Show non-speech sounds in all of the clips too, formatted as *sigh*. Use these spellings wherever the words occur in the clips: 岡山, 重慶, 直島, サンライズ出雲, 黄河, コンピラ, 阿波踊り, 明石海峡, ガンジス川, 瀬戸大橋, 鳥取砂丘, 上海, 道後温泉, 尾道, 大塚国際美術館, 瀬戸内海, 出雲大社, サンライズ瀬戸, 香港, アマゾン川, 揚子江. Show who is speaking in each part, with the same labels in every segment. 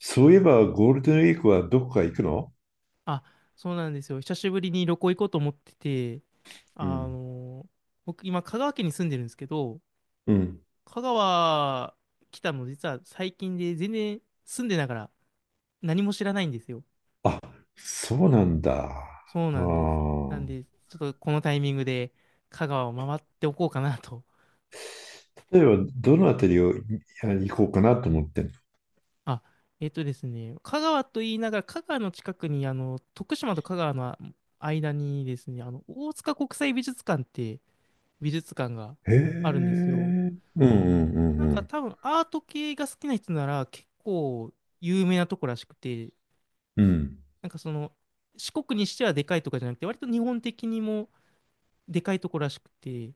Speaker 1: そういえばゴールデンウィークはどこか行くの？
Speaker 2: あ、そうなんですよ。久しぶりに旅行行こうと思ってて、
Speaker 1: う
Speaker 2: あ
Speaker 1: ん。
Speaker 2: の、僕今香川県に住んでるんですけど、
Speaker 1: うん。
Speaker 2: 香川来たの実は最近で全然住んでながら何も知らないんですよ。
Speaker 1: あ、そうなんだ。
Speaker 2: そう
Speaker 1: あ
Speaker 2: なんです。なん
Speaker 1: ー
Speaker 2: で、ちょっとこのタイミングで香川を回っておこうかなと。
Speaker 1: 例えば、どのあたりを行こうかなと思ってんの？
Speaker 2: あ、えっとですね、香川と言いながら香川の近くに徳島と香川の間にですね、大塚国際美術館って美術館が
Speaker 1: へえ。う
Speaker 2: あるんですよ。
Speaker 1: んうんうん
Speaker 2: な
Speaker 1: う
Speaker 2: んか
Speaker 1: ん。
Speaker 2: 多分アート系が好きな人なら結構有名なとこらしくて、
Speaker 1: うん。
Speaker 2: なんかその四国にしてはでかいとかじゃなくて、割と日本的にもでかいとこらしくて、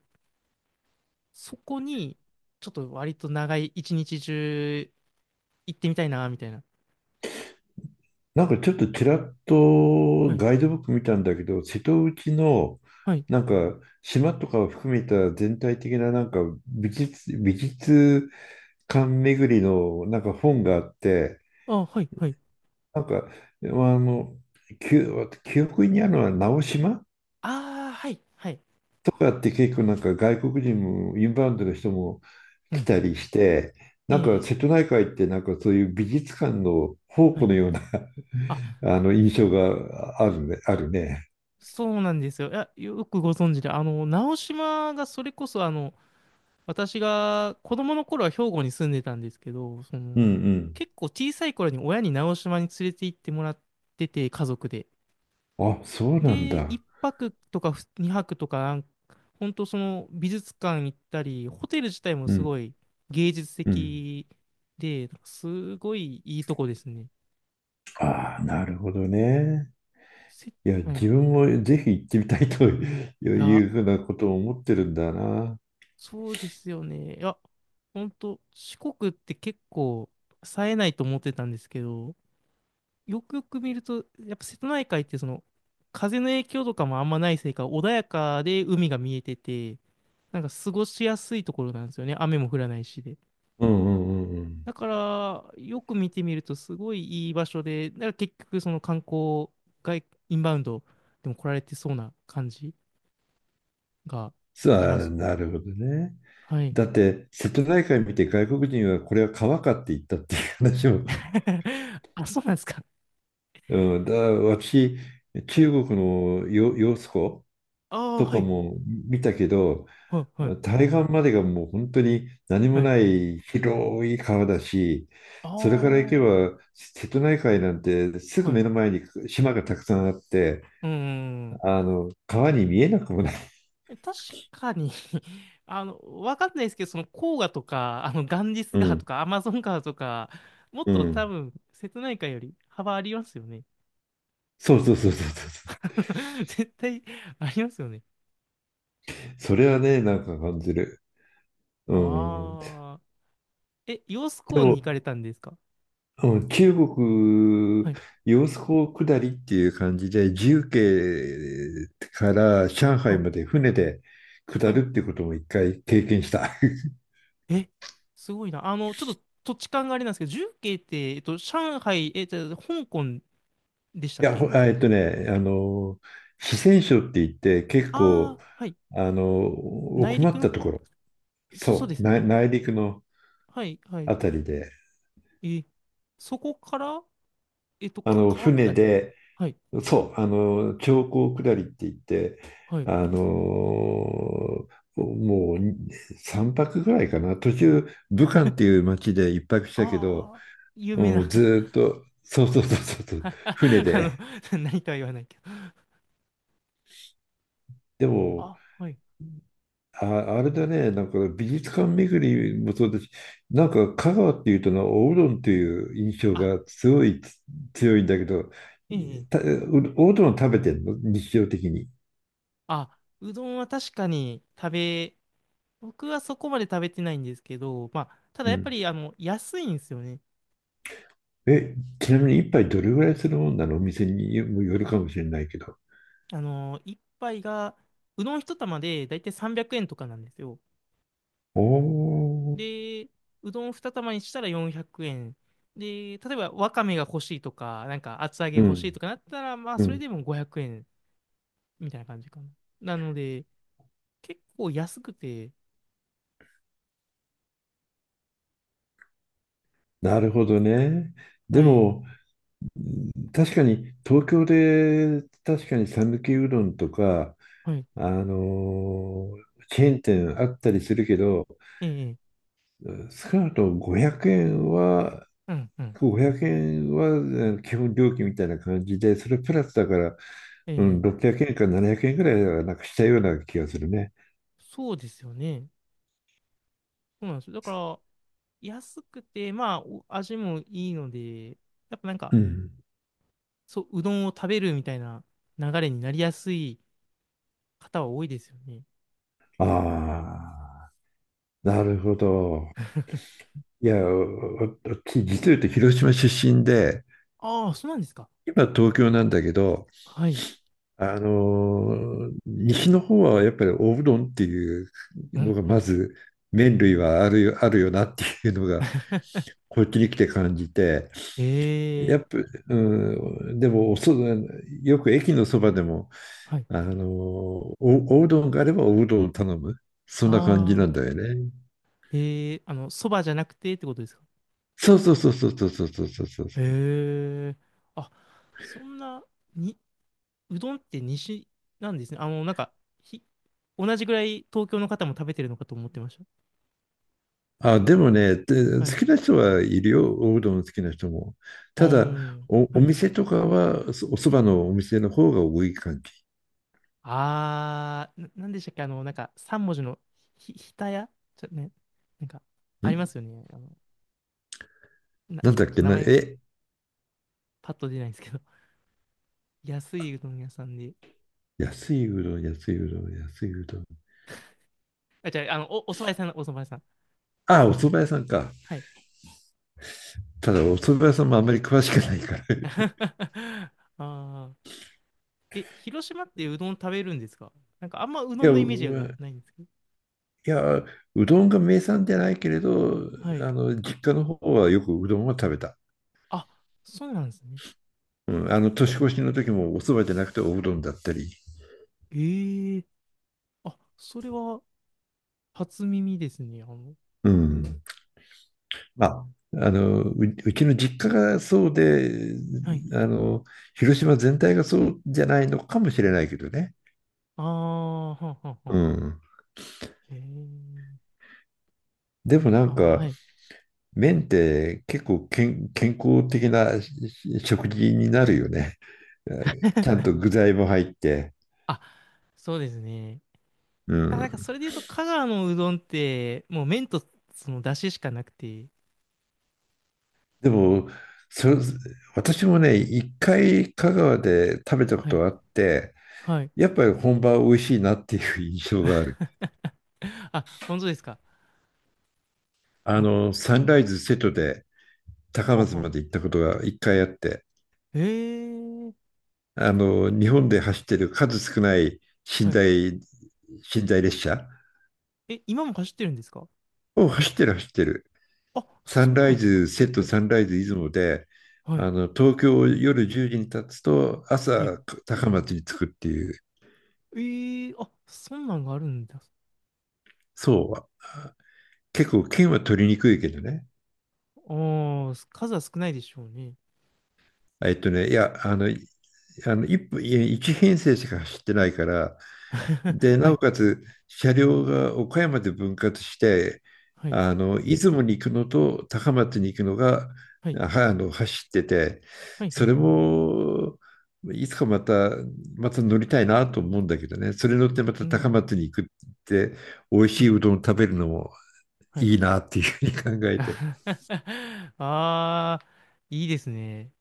Speaker 2: そこにちょっと割と長い一日中行ってみたいな、みたいな。
Speaker 1: なんかちょっとちらっ
Speaker 2: は
Speaker 1: と
Speaker 2: い、
Speaker 1: ガイドブック見たんだけど、瀬戸内の
Speaker 2: はい、
Speaker 1: なんか島とかを含めた全体的ななんか美術館巡りのなんか本があって、
Speaker 2: あ、はい、はい。
Speaker 1: なんか、まあ、あの、記記憶にあるのは直島
Speaker 2: ああ、はい、はい。
Speaker 1: とかって結構なんか外国人もインバウンドの人も
Speaker 2: う
Speaker 1: 来
Speaker 2: ん、
Speaker 1: たりして、
Speaker 2: え
Speaker 1: なんか
Speaker 2: え、
Speaker 1: 瀬戸内海ってなんかそういう美術館の宝
Speaker 2: は
Speaker 1: 庫
Speaker 2: い。
Speaker 1: のような
Speaker 2: あ、
Speaker 1: *laughs* あの印象があるね、あるね。
Speaker 2: そうなんですよ。いや、よくご存知で、直島がそれこそ私が子供の頃は兵庫に住んでたんですけど、そ
Speaker 1: う
Speaker 2: の
Speaker 1: ん
Speaker 2: 結構小さい頃に親に直島に連れて行ってもらってて、家族で。
Speaker 1: うん。あ、そうなん
Speaker 2: で、1
Speaker 1: だ。
Speaker 2: 泊とか2泊とか本当その美術館行ったり、ホテル自体も
Speaker 1: う
Speaker 2: す
Speaker 1: ん
Speaker 2: ごい芸術
Speaker 1: うん。
Speaker 2: 的で、なんかすごいいいとこですね。
Speaker 1: ああ、なるほどね。
Speaker 2: せ、
Speaker 1: いや、
Speaker 2: はい。い
Speaker 1: 自分もぜひ行ってみたいと
Speaker 2: や、
Speaker 1: いうふうなことを思ってるんだな。
Speaker 2: そうですよね。いや、本当四国って結構冴えないと思ってたんですけど、よくよく見ると、やっぱ瀬戸内海ってその風の影響とかもあんまないせいか、穏やかで海が見えてて、なんか過ごしやすいところなんですよね。雨も降らないしで。
Speaker 1: うんうんうんうん。
Speaker 2: だから、よく見てみるとすごいいい場所で、だから結局その観光インバウンドでも来られてそうな感じがあり
Speaker 1: さ
Speaker 2: ま
Speaker 1: あ、
Speaker 2: す。
Speaker 1: なるほどね。
Speaker 2: はい。
Speaker 1: だって瀬戸内海見て外国人はこれは川かって言ったっていう話も、
Speaker 2: *laughs* あ、そうなんですか。
Speaker 1: うん、私
Speaker 2: は
Speaker 1: 中
Speaker 2: い。
Speaker 1: 国の揚子湖
Speaker 2: ああ、
Speaker 1: と
Speaker 2: は
Speaker 1: か
Speaker 2: い。
Speaker 1: も見たけど、
Speaker 2: はい、はい、
Speaker 1: 対岸までがもう本当に何も
Speaker 2: はい。
Speaker 1: ない広い川だし、
Speaker 2: ああ、
Speaker 1: それから行け
Speaker 2: は
Speaker 1: ば瀬戸内海なんてす
Speaker 2: い。
Speaker 1: ぐ目の前に島がたくさんあって、
Speaker 2: うんうんうん。
Speaker 1: あの、川に見えなくもない。
Speaker 2: 確かに *laughs* わかんないですけど、その黄河とか、ガンジス
Speaker 1: う
Speaker 2: 川と
Speaker 1: ん
Speaker 2: か、アマゾン川とか、もっ
Speaker 1: う
Speaker 2: と多
Speaker 1: ん、
Speaker 2: 分、瀬戸内海より幅ありますよね。
Speaker 1: そうそうそうそうそう。
Speaker 2: *laughs* 絶対ありますよね。
Speaker 1: それはね、なんか感じる。うん。
Speaker 2: ああ。え、揚子
Speaker 1: で
Speaker 2: 江
Speaker 1: も、
Speaker 2: に行かれたんですか？
Speaker 1: うん、中
Speaker 2: は
Speaker 1: 国、
Speaker 2: い。
Speaker 1: 揚子江下りっていう感じで、重慶から上海
Speaker 2: あ、
Speaker 1: まで船で下
Speaker 2: はい。
Speaker 1: るってことも一回経験した。*laughs* い
Speaker 2: え、すごいな。ちょっと土地勘があれなんですけど、重慶って、上海、え、じゃあ、香港でしたっ
Speaker 1: や、
Speaker 2: け？
Speaker 1: ほあえっとね、あの、四川省って言って結
Speaker 2: あ
Speaker 1: 構、
Speaker 2: あー、はい。
Speaker 1: あの、
Speaker 2: 内
Speaker 1: 奥ま
Speaker 2: 陸
Speaker 1: っ
Speaker 2: の
Speaker 1: たと
Speaker 2: 方、
Speaker 1: ころ、
Speaker 2: そ、そう
Speaker 1: そ
Speaker 2: で
Speaker 1: う、
Speaker 2: すよ
Speaker 1: 内
Speaker 2: ね。
Speaker 1: 内陸の
Speaker 2: はい、はい。
Speaker 1: あたりで、
Speaker 2: え、そこから
Speaker 1: あ
Speaker 2: か、
Speaker 1: の、
Speaker 2: 川
Speaker 1: 船
Speaker 2: 下り？
Speaker 1: で
Speaker 2: はい、
Speaker 1: そう、あの、長江下りって言って、
Speaker 2: はい。
Speaker 1: あの、もうに3泊ぐらいかな、途中、武漢っていう町で一泊したけど、
Speaker 2: ああ、有
Speaker 1: う
Speaker 2: 名
Speaker 1: ん、
Speaker 2: な
Speaker 1: ずーっと、そうそうそうそうそ
Speaker 2: *laughs*
Speaker 1: う、
Speaker 2: あ
Speaker 1: 船
Speaker 2: の、
Speaker 1: で。
Speaker 2: *laughs* 何とは言わないけど。
Speaker 1: でも、
Speaker 2: あ、はい。
Speaker 1: あ、あれだね、なんか美術館巡りもそうだし、なんか香川っていうとな、おうどんっていう印象
Speaker 2: あ、
Speaker 1: がすごい強いんだけど、
Speaker 2: ええ、え
Speaker 1: た、
Speaker 2: え
Speaker 1: おうどん食べてんの日常的に？
Speaker 2: あ、うどんは確かに食べ、僕はそこまで食べてないんですけど、まあ、た
Speaker 1: う
Speaker 2: だやっぱ
Speaker 1: ん。
Speaker 2: り、安いんですよね。
Speaker 1: ちなみに一杯どれぐらいするもんなの？お店によるかもしれないけど。
Speaker 2: 一杯が、うどん一玉でだいたい300円とかなんですよ。
Speaker 1: おー、
Speaker 2: で、うどん二玉にしたら400円。で、例えばわかめが欲しいとか、なんか厚揚げ
Speaker 1: う
Speaker 2: 欲しい
Speaker 1: ん、
Speaker 2: とかなったら、まあ、
Speaker 1: う
Speaker 2: それ
Speaker 1: ん。
Speaker 2: でも500円。みたいな感じかな。なので、結構安くて、
Speaker 1: なるほどね。で
Speaker 2: はい、
Speaker 1: も、うん、確かに東京で、確かに讃岐うどんとか、
Speaker 2: はい、
Speaker 1: あのーチェーン店あったりするけど、
Speaker 2: ええ、
Speaker 1: うん、少なくとも500円は、
Speaker 2: うん、うん、
Speaker 1: 5 0円はえ基本料金みたいな感じで、それプラスだから、
Speaker 2: え
Speaker 1: う
Speaker 2: え、
Speaker 1: ん、600円か700円ぐらいはなんかしたような気がするね。
Speaker 2: そうですよね。そうなんですよ。だから、安くて、まあ、お味もいいので、やっぱなんか、
Speaker 1: うん。
Speaker 2: そう、うどんを食べるみたいな流れになりやすい方は多いですよね。
Speaker 1: ああ、なるほど。いや、お私実を言うと広島出身で、
Speaker 2: ああ、そうなんですか。
Speaker 1: 今東京なんだけど、
Speaker 2: はい。
Speaker 1: 西の方はやっぱりおうどんっていう
Speaker 2: う
Speaker 1: の
Speaker 2: ん、
Speaker 1: が
Speaker 2: う
Speaker 1: ま
Speaker 2: ん。
Speaker 1: ず麺類はあるよ、あるよなっていうのが
Speaker 2: *laughs*
Speaker 1: こっちに来て感じて、
Speaker 2: え
Speaker 1: や
Speaker 2: え、
Speaker 1: っぱ、うん、でもよく駅のそばでも、
Speaker 2: はい。
Speaker 1: あの、おうどんがあればおうどんを頼む。そんな感じな
Speaker 2: あ
Speaker 1: んだ
Speaker 2: あ、
Speaker 1: よね。
Speaker 2: ええ、そばじゃなくてってことですか？
Speaker 1: そうそうそうそうそうそうそうそうそう。
Speaker 2: へえ、あ、そんな、に、うどんって西なんですね。ひ、同じぐらい東京の方も食べてるのかと思ってまし
Speaker 1: あ、でもね、で、
Speaker 2: た。は
Speaker 1: 好
Speaker 2: い。
Speaker 1: きな人はいるよ。おうどん好きな人も。
Speaker 2: うー
Speaker 1: ただ、
Speaker 2: ん。は
Speaker 1: お
Speaker 2: い。
Speaker 1: 店とかは、おそばのお店の方が多い感
Speaker 2: あー、なんでしたっけ？三文字のひたやちょ、ね、なんか、
Speaker 1: じ。
Speaker 2: ありますよね。な、
Speaker 1: なんだっけ
Speaker 2: 名
Speaker 1: な、
Speaker 2: 前がパッと出ないんですけど。*laughs* 安いうどん屋さんで。
Speaker 1: 安いうどん、安いうどん、安いうどん。
Speaker 2: あ、じゃあ、お蕎麦屋さん、お蕎麦屋さん。
Speaker 1: あ、お蕎麦屋さんか。
Speaker 2: はい。
Speaker 1: ただ、お蕎麦屋さんもあんまり詳しくないから。*laughs* い
Speaker 2: *laughs* あー。え、広島ってうどん食べるんですか？なんか、あんまうど
Speaker 1: や、
Speaker 2: んのイメージがないんですけど。
Speaker 1: いや、うどんが名産じゃないけれど、
Speaker 2: はい。
Speaker 1: あの、実家の方はよくうどんは食べた。
Speaker 2: あ、そうなんですね。
Speaker 1: うん、あの、年越しの時もお蕎麦じゃなくておうどんだったり。
Speaker 2: ええあ、それは初耳ですね。
Speaker 1: う
Speaker 2: えー
Speaker 1: ん。まあ、あの、うちの実家がそうで、
Speaker 2: はい。
Speaker 1: あの、広島全体がそうじゃないのかもしれないけどね。
Speaker 2: ああ、はんはんは
Speaker 1: う
Speaker 2: ん。
Speaker 1: ん。
Speaker 2: ええ
Speaker 1: でもなん
Speaker 2: あ、は
Speaker 1: か、
Speaker 2: い。
Speaker 1: 麺って結構健康的なし食事になるよね。ちゃんと具材も入って。
Speaker 2: あ、そうですね。
Speaker 1: う
Speaker 2: あ、なんか
Speaker 1: ん。
Speaker 2: それで言うと、香川のうどんって、もう麺とその出汁しかなくて、
Speaker 1: でも、そ、私もね、一回香川で食べたこ
Speaker 2: は
Speaker 1: と
Speaker 2: い。
Speaker 1: があって、
Speaker 2: はい。
Speaker 1: やっぱり本場は美味しいなっていう印象がある。
Speaker 2: *laughs* あ、本当ですか？
Speaker 1: あ
Speaker 2: なんか、は
Speaker 1: の、サンラ
Speaker 2: い
Speaker 1: イズ瀬戸で高
Speaker 2: はあ
Speaker 1: 松
Speaker 2: はん。
Speaker 1: まで行ったことが一回あって、
Speaker 2: ええ
Speaker 1: あの、日本で走ってる数少ない寝
Speaker 2: はい。
Speaker 1: 台、寝台列車
Speaker 2: え、今も走ってるんですか？
Speaker 1: を走ってる走ってる。
Speaker 2: あ、
Speaker 1: サン
Speaker 2: そう
Speaker 1: ラ
Speaker 2: なん
Speaker 1: イ
Speaker 2: ですか。
Speaker 1: ズ瀬戸、
Speaker 2: はい。
Speaker 1: サンライズ出雲で、
Speaker 2: はい。
Speaker 1: あの、東京を夜10時に立つと
Speaker 2: はい。
Speaker 1: 朝高松に着くっていう、
Speaker 2: ええあ、そんなんがあるんだ。
Speaker 1: そう。結構県は取りにくいけどね。
Speaker 2: おー、数は少ないでしょうね。
Speaker 1: いや、あの、1分、いや、一編成しか走ってないから、
Speaker 2: *laughs*
Speaker 1: で、
Speaker 2: は
Speaker 1: なお
Speaker 2: い、
Speaker 1: かつ車両が岡山で分割して、
Speaker 2: はい、
Speaker 1: あの、出雲に行くのと高松に行くのが、
Speaker 2: はい、
Speaker 1: あの、走ってて、
Speaker 2: はい、は
Speaker 1: それ
Speaker 2: い。
Speaker 1: も、いつかまた、また乗りたいなと思うんだけどね、それ乗ってまた
Speaker 2: う
Speaker 1: 高
Speaker 2: ん、
Speaker 1: 松に行くって、美味
Speaker 2: う
Speaker 1: しい
Speaker 2: ん、
Speaker 1: うどん食べるのも
Speaker 2: はい。
Speaker 1: いいなっていうふうに考えて。
Speaker 2: *laughs* あー、いいですね。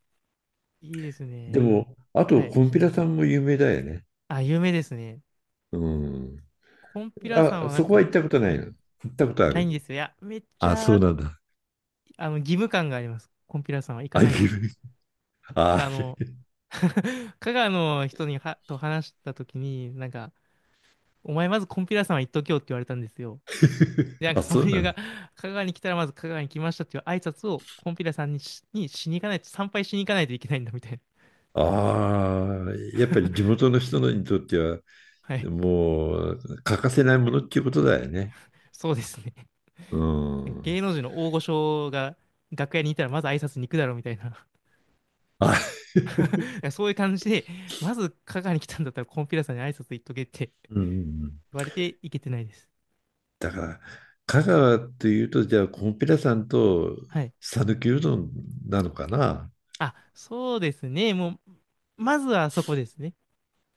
Speaker 2: いいです
Speaker 1: で
Speaker 2: ね。
Speaker 1: も、あ
Speaker 2: は
Speaker 1: と、
Speaker 2: い。
Speaker 1: コンピラさんも有名だよね。
Speaker 2: あ、有名ですね。
Speaker 1: うん。
Speaker 2: コンピラさん
Speaker 1: あ、
Speaker 2: はなん
Speaker 1: そこは
Speaker 2: か、
Speaker 1: 行ったことな
Speaker 2: は
Speaker 1: い
Speaker 2: い、
Speaker 1: の？行ったことあ
Speaker 2: ないん
Speaker 1: る？
Speaker 2: ですよ。いや、めっち
Speaker 1: あ、そう
Speaker 2: ゃ、
Speaker 1: なんだ。
Speaker 2: 義務感があります。コンピラさんは行か
Speaker 1: あ、
Speaker 2: ないと
Speaker 1: 岐
Speaker 2: って。
Speaker 1: 阜。あ、
Speaker 2: あの、*laughs* 香川の人にはと話したときに、なんか、お前まずコンピラさんは行っとけよって言われたんですよ。で、な
Speaker 1: *laughs*
Speaker 2: んか
Speaker 1: あ、
Speaker 2: そ
Speaker 1: そ
Speaker 2: の
Speaker 1: う
Speaker 2: 理
Speaker 1: な
Speaker 2: 由
Speaker 1: ん
Speaker 2: が、
Speaker 1: だ。
Speaker 2: 香川に来たらまず香川に来ましたっていう挨拶をコンピラさんにしに行かないと、参拝しに行かないといけないんだみたいな。*laughs*
Speaker 1: ああ、やっぱり地元の人にとっては、
Speaker 2: はい。
Speaker 1: もう欠かせないものっていうことだよね。
Speaker 2: そうですね。
Speaker 1: うん。
Speaker 2: 芸能人の大御所が楽屋にいたらまず挨拶に行くだろうみたいな。*laughs*
Speaker 1: あ、*laughs*
Speaker 2: だからそういう感じで、まず香川に来たんだったらコンピラさんに挨拶行っとけって
Speaker 1: うん。
Speaker 2: 言われて行けてないです。
Speaker 1: だから、香川というと、じゃあ、コンピラさんと
Speaker 2: はい。
Speaker 1: 讃岐うどんなのかな。
Speaker 2: あ、そうですね。もう、まずはそこですね。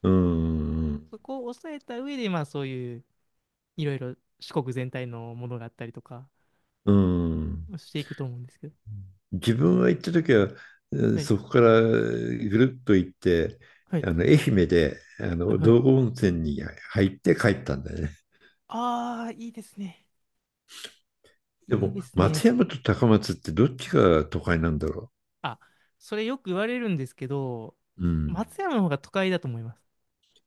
Speaker 1: うん。
Speaker 2: そこを抑えた上で、まあそういう、いろいろ四国全体のものがあったりとか、
Speaker 1: うん。
Speaker 2: していくと思うんですけど。
Speaker 1: 自分は行った時は、
Speaker 2: はい。
Speaker 1: そこからぐるっと行って、
Speaker 2: はい
Speaker 1: あの、愛媛であ
Speaker 2: はい
Speaker 1: の
Speaker 2: はい。
Speaker 1: 道後温泉に入って帰ったんだよね。
Speaker 2: ああ、いいですね。
Speaker 1: で
Speaker 2: いい
Speaker 1: も、
Speaker 2: です
Speaker 1: 松
Speaker 2: ね。
Speaker 1: 山と高松ってどっちが都会なんだろ
Speaker 2: あ、それよく言われるんですけど、
Speaker 1: う？うん。
Speaker 2: 松山の方が都会だと思います。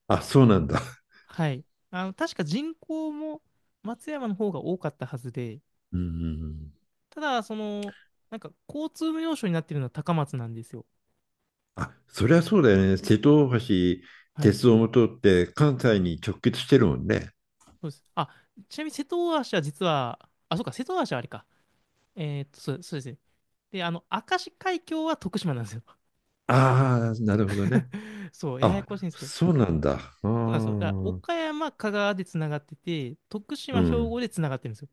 Speaker 1: あ、そうなんだ。
Speaker 2: はい。確か人口も松山の方が多かったはずで、
Speaker 1: うん。
Speaker 2: ただ、その、なんか交通の要所になってるのは高松なんですよ。
Speaker 1: あ、そりゃそうだよね。瀬戸大橋、
Speaker 2: はい。
Speaker 1: 鉄道も通って関西に直結してるもんね。
Speaker 2: そうです。あ、ちなみに瀬戸大橋は実は、あ、そうか、瀬戸大橋はあれか。そうですね。で、明石海峡は徳島なんですよ。
Speaker 1: ああ、なるほどね。
Speaker 2: *laughs* そう、やや
Speaker 1: あ、
Speaker 2: こしいんですけど。
Speaker 1: そうなんだ。
Speaker 2: そう
Speaker 1: ああ、
Speaker 2: なんですよ。だから
Speaker 1: う
Speaker 2: 岡山、香川でつながってて、徳島、兵
Speaker 1: ん。
Speaker 2: 庫でつながってるんですよ。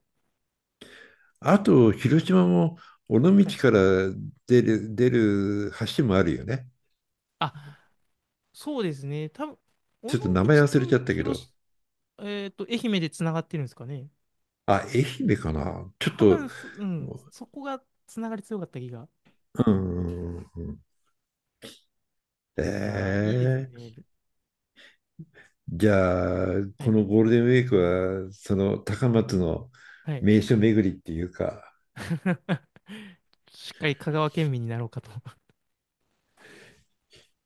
Speaker 1: あと、広島も尾道
Speaker 2: はい。
Speaker 1: から出る橋もあるよね。
Speaker 2: あ、そうですね。多分、
Speaker 1: ち
Speaker 2: 尾
Speaker 1: ょっ
Speaker 2: 道
Speaker 1: と名前忘れ
Speaker 2: と
Speaker 1: ちゃったけ
Speaker 2: 広
Speaker 1: ど。
Speaker 2: し、えっと、愛媛でつながってるんですかね。
Speaker 1: あ、愛媛かな。ちょっ
Speaker 2: 多
Speaker 1: と、
Speaker 2: 分そ、うん、
Speaker 1: う
Speaker 2: そこがつながり強かった気が。
Speaker 1: んえ
Speaker 2: いやー、いいです
Speaker 1: ー、
Speaker 2: ね。
Speaker 1: じゃあ、
Speaker 2: は
Speaker 1: こ
Speaker 2: い。
Speaker 1: のゴールデンウィークは、その高松の
Speaker 2: はい。
Speaker 1: 名所巡りっていうか、
Speaker 2: *laughs* しっかり香川県民になろうかと。*laughs*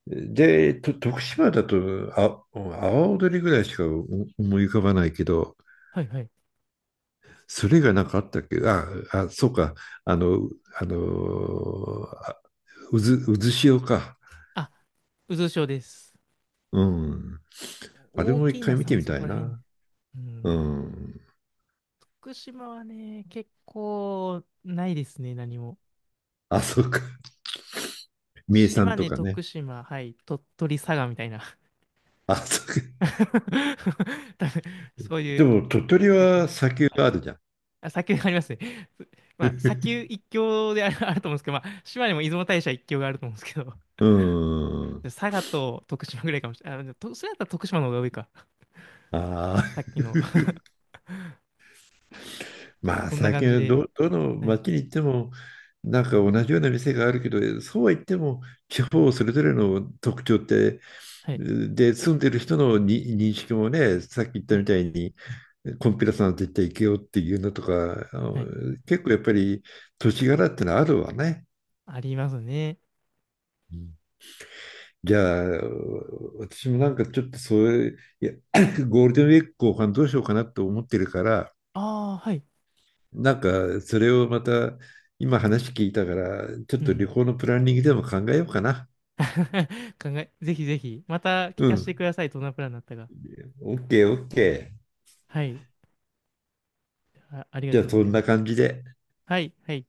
Speaker 1: で、徳島だと、あ、阿波踊りぐらいしか思い浮かばないけど、
Speaker 2: はいはい。
Speaker 1: それがなんかあったっけ？あ、あ、そうか、あの、あの、うずしおか。
Speaker 2: あ、渦潮です。
Speaker 1: うん。あれ
Speaker 2: 大
Speaker 1: も一
Speaker 2: きい
Speaker 1: 回
Speaker 2: な
Speaker 1: 見
Speaker 2: さ
Speaker 1: て
Speaker 2: ん、
Speaker 1: み
Speaker 2: そ
Speaker 1: た
Speaker 2: こ
Speaker 1: い
Speaker 2: ら辺。
Speaker 1: な。
Speaker 2: う
Speaker 1: う
Speaker 2: ん。
Speaker 1: ん。
Speaker 2: 福島はね、結構ないですね、何も。
Speaker 1: あ、そうか。三重さん
Speaker 2: 島
Speaker 1: と
Speaker 2: 根、
Speaker 1: かね。
Speaker 2: 徳島、はい、鳥取、佐賀みたいな。
Speaker 1: あ、そうか。
Speaker 2: *laughs* 多分そうい
Speaker 1: で
Speaker 2: う、
Speaker 1: も、鳥取
Speaker 2: いいかも
Speaker 1: は砂丘があるじゃん。
Speaker 2: あ、砂丘がありますね。*laughs* まあ、砂丘一強である、あると思うんですけど、まあ、島根も出雲大社一強があると思うんですけど、
Speaker 1: *laughs* うん。
Speaker 2: 佐賀と徳島ぐらいかもしれない。あ、でもとそれだったら徳島の方が多いか。
Speaker 1: ああ。
Speaker 2: さっきの。*laughs*
Speaker 1: まあ
Speaker 2: そんな
Speaker 1: 最
Speaker 2: 感
Speaker 1: 近
Speaker 2: じ
Speaker 1: は
Speaker 2: で。
Speaker 1: どの
Speaker 2: はい、
Speaker 1: 街に行っても、なんか同じような店があるけど、そうは言っても地方それぞれの特徴って、
Speaker 2: はい、
Speaker 1: で住んでる人のに認識もね、さっき言っ
Speaker 2: は
Speaker 1: たみ
Speaker 2: い、
Speaker 1: たいにコンピュラさんと言って行けよっていうのとか、あの、
Speaker 2: はい。
Speaker 1: 結構やっぱり土地柄ってのはあるわね。
Speaker 2: ありますね。
Speaker 1: うん、じゃあ、私もなんかちょっとそういう、いや *coughs* ゴールデンウィーク後半どうしようかなと思ってるから、
Speaker 2: ああ、はい。
Speaker 1: なんか、それをまた、今話聞いたから、ちょっ
Speaker 2: う
Speaker 1: と旅
Speaker 2: ん。
Speaker 1: 行のプランニングでも考えようかな。
Speaker 2: *laughs* 考え、ぜひぜひ、また聞
Speaker 1: う
Speaker 2: かせて
Speaker 1: ん。
Speaker 2: ください。どんなプランだったか。
Speaker 1: オッケー、オッケー。
Speaker 2: はい。あ、ありが
Speaker 1: じゃ
Speaker 2: と
Speaker 1: あ、
Speaker 2: うご
Speaker 1: そ
Speaker 2: ざい
Speaker 1: ん
Speaker 2: ま
Speaker 1: な
Speaker 2: す。
Speaker 1: 感じで。
Speaker 2: はい、はい。